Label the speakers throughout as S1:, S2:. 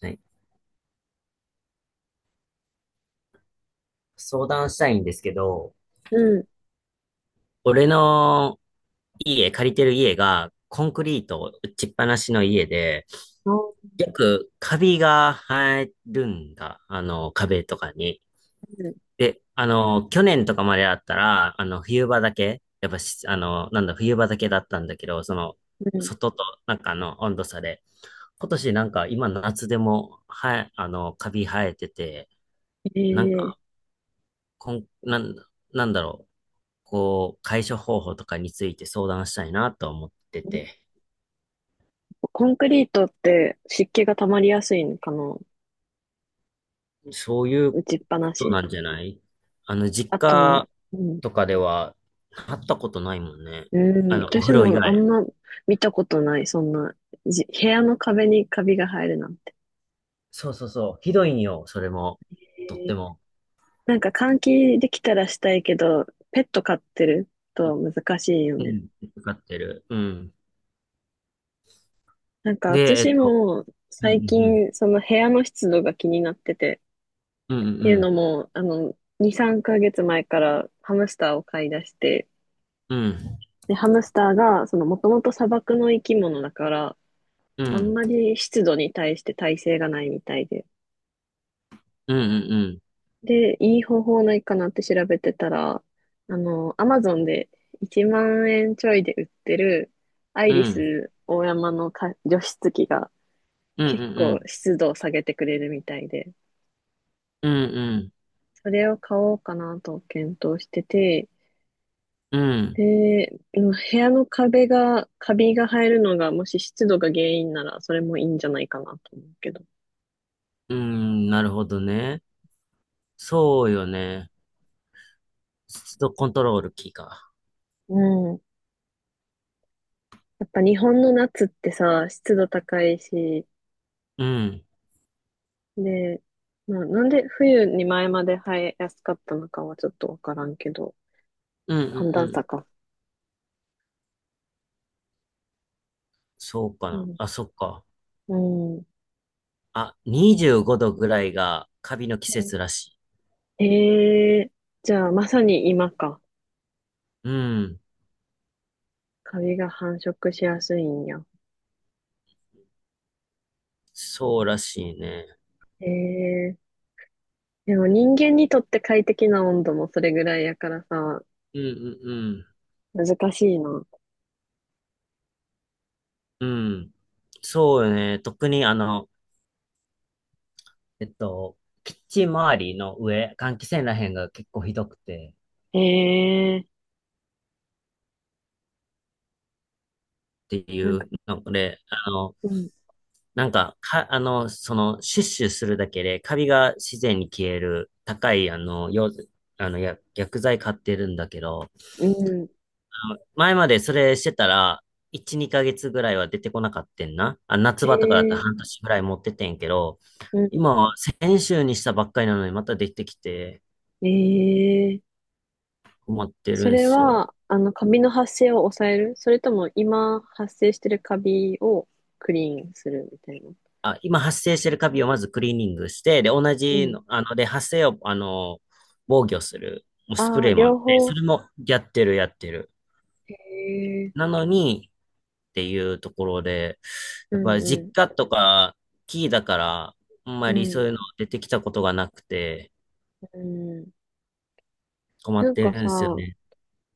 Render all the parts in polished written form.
S1: はい、相談したいんですけど、
S2: うん。
S1: 俺の家、借りてる家が、コンクリート打ちっぱなしの家で、
S2: あー
S1: よくカビが生えるんだ。壁とかに。
S2: うん。
S1: で、去年とかまでだったら、冬場だけ、やっぱし、あの、なんだ、冬場だけだったんだけど、その、
S2: うん。
S1: 外と、なんか温度差で。今年なんか今夏でも、はい、カビ生えてて、
S2: え
S1: なん
S2: ー、
S1: か、こん、なん、なんだろう。こう、解消方法とかについて相談したいなと思ってて、
S2: コンクリートって湿気が溜まりやすいのかな。
S1: そういう
S2: 打ちっぱな
S1: こと
S2: し。
S1: なんじゃない？実
S2: あと、
S1: 家
S2: うん。
S1: とかでは、会ったことないもんね。
S2: うん。
S1: お
S2: 私
S1: 風呂以
S2: もあん
S1: 外。
S2: ま見たことない。そんな、部屋の壁にカビが生えるなんて。
S1: そうそうそう。ひどいんよ、それも。とっ
S2: えー。
S1: ても。
S2: なんか換気できたらしたいけど、ペット飼ってると難しいよ
S1: う
S2: ね。
S1: ん、かかってる。うん。
S2: なんか
S1: で、
S2: 私も
S1: うんう
S2: 最
S1: んうん。
S2: 近その部屋の湿度が気になってて、
S1: うんう
S2: っていうの
S1: ん
S2: も、2、3ヶ月前からハムスターを飼い出して、
S1: うん。
S2: で、ハムスターが、もともと砂漠の生き物だから、
S1: うんう
S2: あん
S1: ん
S2: まり湿度に対して耐性がないみたいで。
S1: うん。
S2: で、いい方法ないかなって調べてたら、アマゾンで1万円ちょいで売ってる、アイ
S1: うん
S2: リ
S1: うんうん。
S2: ス大山のか除湿機が
S1: うんう
S2: 結
S1: んう
S2: 構
S1: ん。
S2: 湿度を下げてくれるみたいで、
S1: うんうん
S2: それを買おうかなと検討してて、
S1: うん。
S2: で、うん、部屋の壁が、カビが生えるのが、もし湿度が原因なら、それもいいんじゃないかなと思うけど。
S1: うん、なるほどね。そうよね。湿度コントロールキーか。
S2: うん。やっぱ日本の夏ってさ、湿度高いし、
S1: うん。
S2: で、まあ、なんで冬に前まで生えやすかったのかはちょっとわからんけど、
S1: うんうん
S2: 寒
S1: う
S2: 暖差
S1: ん。
S2: か。
S1: そうか
S2: う
S1: な。
S2: ん。
S1: あ、そっか。
S2: うん。
S1: あ、25度ぐらいがカビの季節らしい。
S2: えー。じゃあまさに今か。
S1: うん。
S2: カビが繁殖しやすいんや。
S1: そうらしいね。
S2: えー。でも人間にとって快適な温度もそれぐらいやからさ、
S1: うんうん
S2: 難しいな。
S1: うん。うん。そうよね。特にえっと、キッチン周りの上、換気扇らへんが結構ひどくて
S2: ええ。
S1: ってい
S2: なんか、
S1: うので、あの、
S2: うん、
S1: なんか、か、あの、その、シュッシュするだけで、カビが自然に消える、高い、あの、よ、あの、や、薬剤買ってるんだけど、
S2: うん。
S1: 前までそれしてたら、1、2ヶ月ぐらいは出てこなかったんな。あ、夏場とかだったら半
S2: ええ。
S1: 年ぐらい持っててんけど、
S2: うん。
S1: 今は先週にしたばっかりなのにまたできてきて
S2: ええ、
S1: 困って
S2: そ
S1: るん
S2: れ
S1: すよ。
S2: は、カビの発生を抑える、それとも今発生してるカビをクリーンするみたいな？
S1: あ、今発生してるカビをまずクリーニングして、で、同
S2: う
S1: じ
S2: ん。
S1: の、発生を、防御する、もうスプ
S2: ああ、
S1: レーもあっ
S2: 両
S1: て、そ
S2: 方。
S1: れもやってる、やってる。
S2: へえ、
S1: なのにっていうところで、
S2: う
S1: やっぱ
S2: ん
S1: り
S2: う
S1: 実
S2: ん、
S1: 家とかキーだから、あんま
S2: う
S1: りそ
S2: ん、
S1: ういうの出てきたことがなくて
S2: うん。
S1: 困っ
S2: なん
S1: て
S2: か
S1: るんで
S2: さ、
S1: すよね。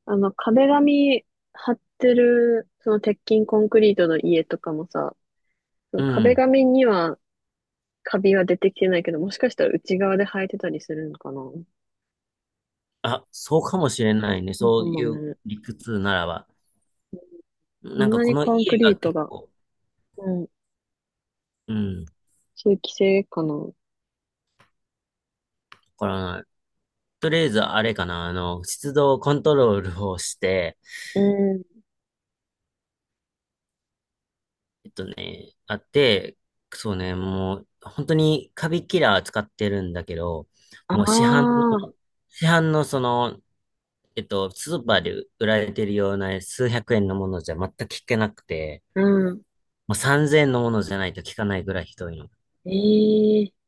S2: 壁紙貼ってる、その鉄筋コンクリートの家とかもさ、その
S1: う
S2: 壁
S1: ん。
S2: 紙にはカビは出てきてないけど、もしかしたら内側で生えてたりするのかな。
S1: あ、そうかもしれないね。
S2: なんか
S1: そう
S2: もう
S1: いう
S2: ね、
S1: 理屈ならば。
S2: そ
S1: なん
S2: ん
S1: か
S2: な
S1: こ
S2: に
S1: の
S2: コンク
S1: 家
S2: リ
S1: が
S2: ート
S1: 結
S2: が、
S1: 構、
S2: うん、
S1: うん、わ
S2: 通気性かな。
S1: からない。とりあえずあれかな、湿度コントロールをして、
S2: うん。
S1: えっとね、あって、そうね、もう本当にカビキラー使ってるんだけど、
S2: あ
S1: もう市販
S2: あ、
S1: のそのスーパーで売られてるような数百円のものじゃ全く聞けなくて、
S2: うん。
S1: もう3000円のものじゃないと聞かないぐらいひどいの。
S2: ええ、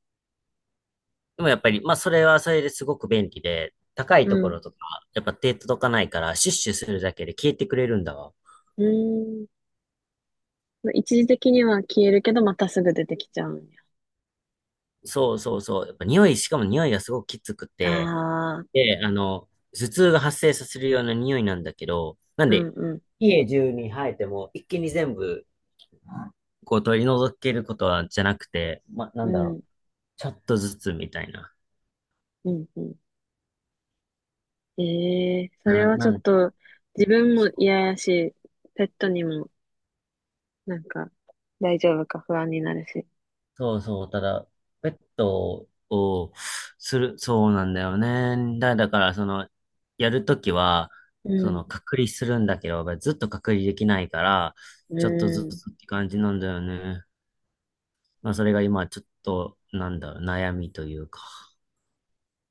S1: でもやっぱり、まあそれはそれですごく便利で、高い
S2: う
S1: とこ
S2: ん。
S1: ろとか、やっぱ手届かないから、シュッシュするだけで消えてくれるんだわ。
S2: うん。一時的には消えるけど、またすぐ出てきちゃうんや。
S1: そうそうそう。やっぱ匂い、しかも匂いがすごくきつくて、
S2: ああ、
S1: で、頭痛が発生させるような匂いなんだけど、なん
S2: うん
S1: で、
S2: うん、
S1: 家中に生えても一気に全部、こう取り除けることはじゃなくて、ま、な
S2: う
S1: んだろ
S2: ん、
S1: う、ちょっとずつみたいな。
S2: うん、うん。ええ、それ
S1: な、
S2: はち
S1: な
S2: ょっ
S1: ん、
S2: と、自分も
S1: そう
S2: 嫌やし、ペットにも、なんか、大丈夫か不安になるし。
S1: そうそう、ただ、ペットをそうなんだよね。だから、その、やるときは、
S2: う
S1: そ
S2: ん、
S1: の、隔離するんだけど、ずっと隔離できないから、
S2: う
S1: ちょっとず
S2: ん。
S1: つって感じなんだよね。まあ、それが今、ちょっと、なんだろう、悩みというか。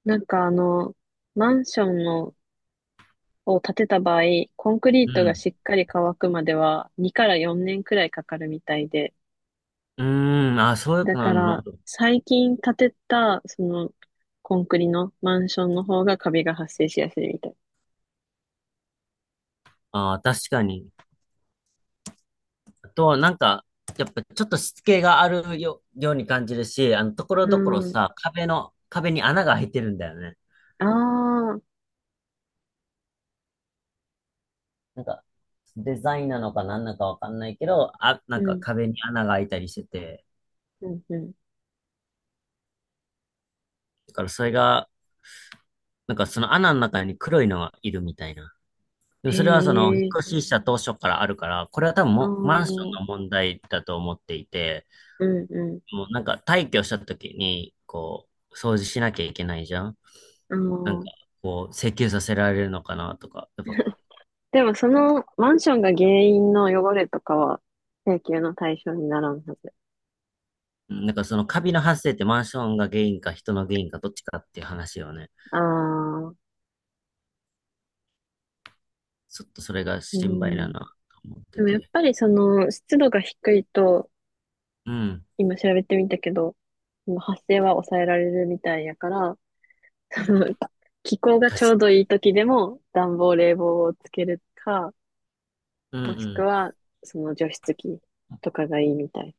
S2: なんか、マンションのを建てた場合、コンクリー
S1: う
S2: トが
S1: ん。
S2: しっかり乾くまでは2から4年くらいかかるみたいで、
S1: うーん、あ、そういうこ
S2: だ
S1: とな
S2: か
S1: のな。
S2: ら最近建てたそのコンクリのマンションの方がカビが発生しやすいみたい。
S1: あー、確かに。あとは、なんか、やっぱちょっとしつけがあるよ、ように感じるし、ところ
S2: う
S1: どころ
S2: ん。
S1: さ、壁に穴が開いてるんだよね。
S2: ああ、
S1: なんか、デザインなのか何なのかわかんないけど、あ、な
S2: う
S1: んか
S2: ん、
S1: 壁に穴が開いたりしてて、
S2: うん、うん。
S1: だからそれが、なんかその穴の中に黒いのがいるみたいな。でも
S2: へ
S1: それはその、引っ
S2: え、
S1: 越しした当初からあるから、これは多分
S2: ああ、
S1: もマンシ
S2: うん、
S1: ョンの問題だと思っていて、
S2: う
S1: もうなんか退去した時に、こう、掃除しなきゃいけないじゃん。
S2: ん、
S1: なんか、
S2: ああ。
S1: こう、請求させられるのかなとか、やっぱ、
S2: でもそのマンションが原因の汚れとかは請求の対象にならんはず。
S1: なんかそのカビの発生ってマンションが原因か人の原因かどっちかっていう話よね。
S2: ああ、
S1: ちょっとそれが
S2: う
S1: 心配だ
S2: ん。
S1: なと思っ
S2: で
S1: て
S2: もやっ
S1: て。
S2: ぱりその湿度が低いと、
S1: うん。
S2: 今調べてみたけど、その発生は抑えられるみたいやから、その気候が
S1: 加
S2: ちょ
S1: 湿、
S2: うどいい時でも暖房冷房をつけるか、
S1: うんう
S2: もしく
S1: ん。
S2: はその除湿機とかがいいみたい。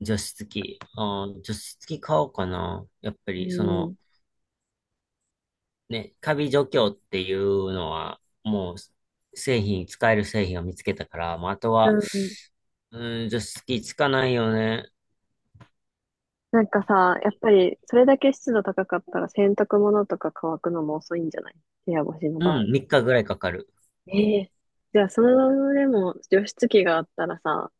S1: 除湿機。あー、除湿機買おうかな。やっぱ
S2: う
S1: り、その、
S2: ん。
S1: ね、カビ除去っていうのは、もう、製品、使える製品を見つけたから、もうあと
S2: う
S1: は、
S2: ん。
S1: うん、除湿機つかないよね。
S2: なんかさ、やっぱりそれだけ湿度高かったら洗濯物とか乾くのも遅いんじゃない？部屋干しの
S1: う
S2: 場合。
S1: ん、3日ぐらいかかる。
S2: ええ。じゃあそれでも除湿機があったらさ、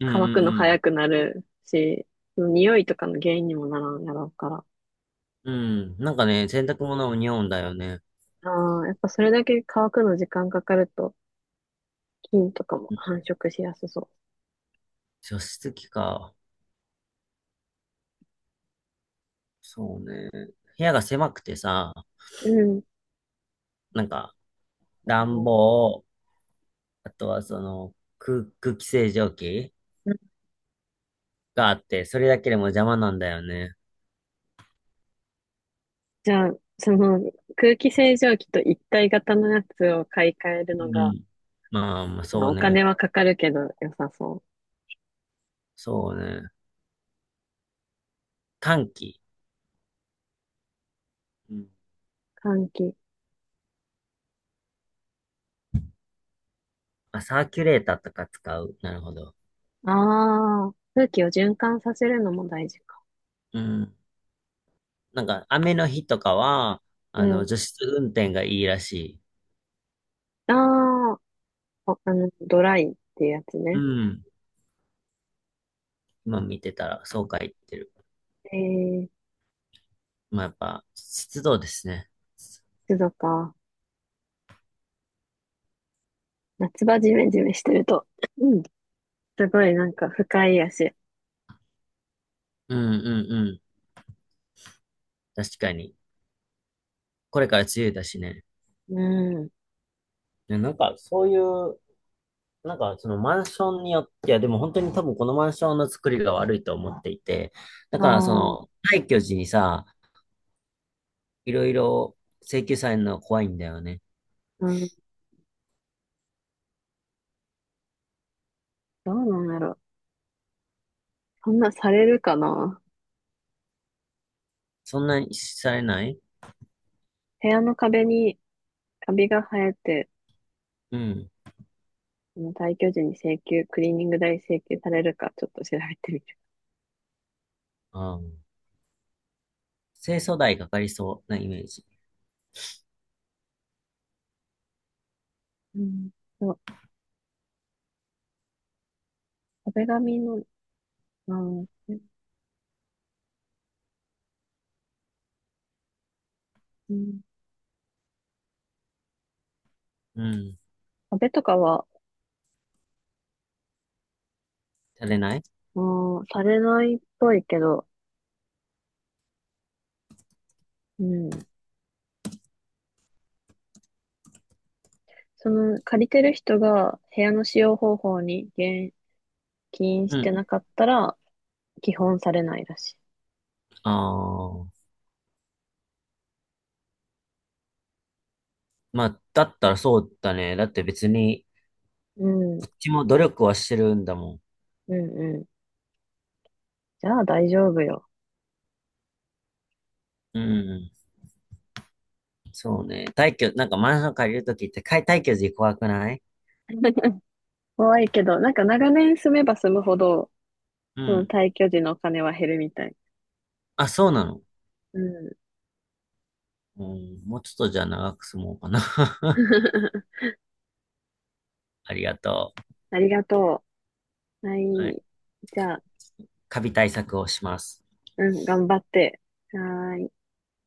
S1: うん
S2: 乾くの
S1: う
S2: 早
S1: ん
S2: くなるし、匂いとかの原因にもならんやろうから。
S1: うん。うん。なんかね、洗濯物もにおうんだよね。
S2: ああ、やっぱそれだけ乾くの時間かかると、菌とかも繁殖しやすそ
S1: 除湿機か。そうね。部屋が狭くてさ、
S2: う。うん。
S1: なんか、暖
S2: う
S1: 房、あとはその、空気清浄機
S2: ん。
S1: があって、それだけでも邪魔なんだよね。
S2: じゃあ、その空気清浄機と一体型のやつを買い替える
S1: う
S2: の
S1: ん。
S2: が、
S1: ん。まあ、まあ、
S2: ま
S1: そ
S2: あ、
S1: う
S2: お
S1: ね。
S2: 金はかかるけど良さそ
S1: そうね。換気。うん。
S2: う。換気。
S1: あ、サーキュレーターとか使う。なるほど。
S2: ああ、空気を循環させるのも大事か。
S1: うん。なんか、雨の日とかは、
S2: うん。
S1: 除湿運転がいいらしい。
S2: ああ、ドライっていうやつ
S1: う
S2: ね。
S1: ん。今見てたら、そうか言ってる。
S2: えー、
S1: まあ、やっぱ、湿度ですね。
S2: 湿度か。夏場ジメジメしてると、うん、すごいなんか不快やし。
S1: うんうんうん。確かに。これから梅雨だしね。
S2: うん。
S1: ね、なんか、そういうなんか、そのマンションによって、いや、でも本当に多分このマンションの作りが悪いと思っていて、だ
S2: あ
S1: からそ
S2: あ、
S1: の、退去時にさ、いろいろ請求されるの怖いんだよね。
S2: うん。どうなんやろ。そんなされるかな？
S1: そんなにされない？
S2: 部屋の壁にカビが生えて、
S1: うん。
S2: その退去時に請求、クリーニング代請求されるかちょっと調べてみる。
S1: ああ。清掃代かかりそうなイメージ。
S2: うん。そう、壁紙の、うん、うん、
S1: うん。
S2: 壁とかは、
S1: されない？
S2: うん、されないっぽいけど、うん。その借りてる人が部屋の使用方法に言及
S1: う
S2: してな
S1: ん。
S2: かったら、基本されないらしい。
S1: ああ。まあ、だったらそうだね。だって別に、
S2: うん、
S1: こっちも努力はしてるんだもん。
S2: うん、うん。じゃあ大丈夫よ。
S1: うん。そうね。退去、なんかマンション借りるときって、退去時怖くない？
S2: 怖いけど、なんか長年住めば住むほど、
S1: う
S2: その
S1: ん。
S2: 退去時のお金は減るみたい。
S1: あ、そうなの？
S2: うん。
S1: うん、もうちょっとじゃあ長く住もうかな。ありがと
S2: ありがとう。は
S1: う。はい。
S2: い。じゃあ、
S1: カビ対策をします。
S2: うん、頑張って。はーい。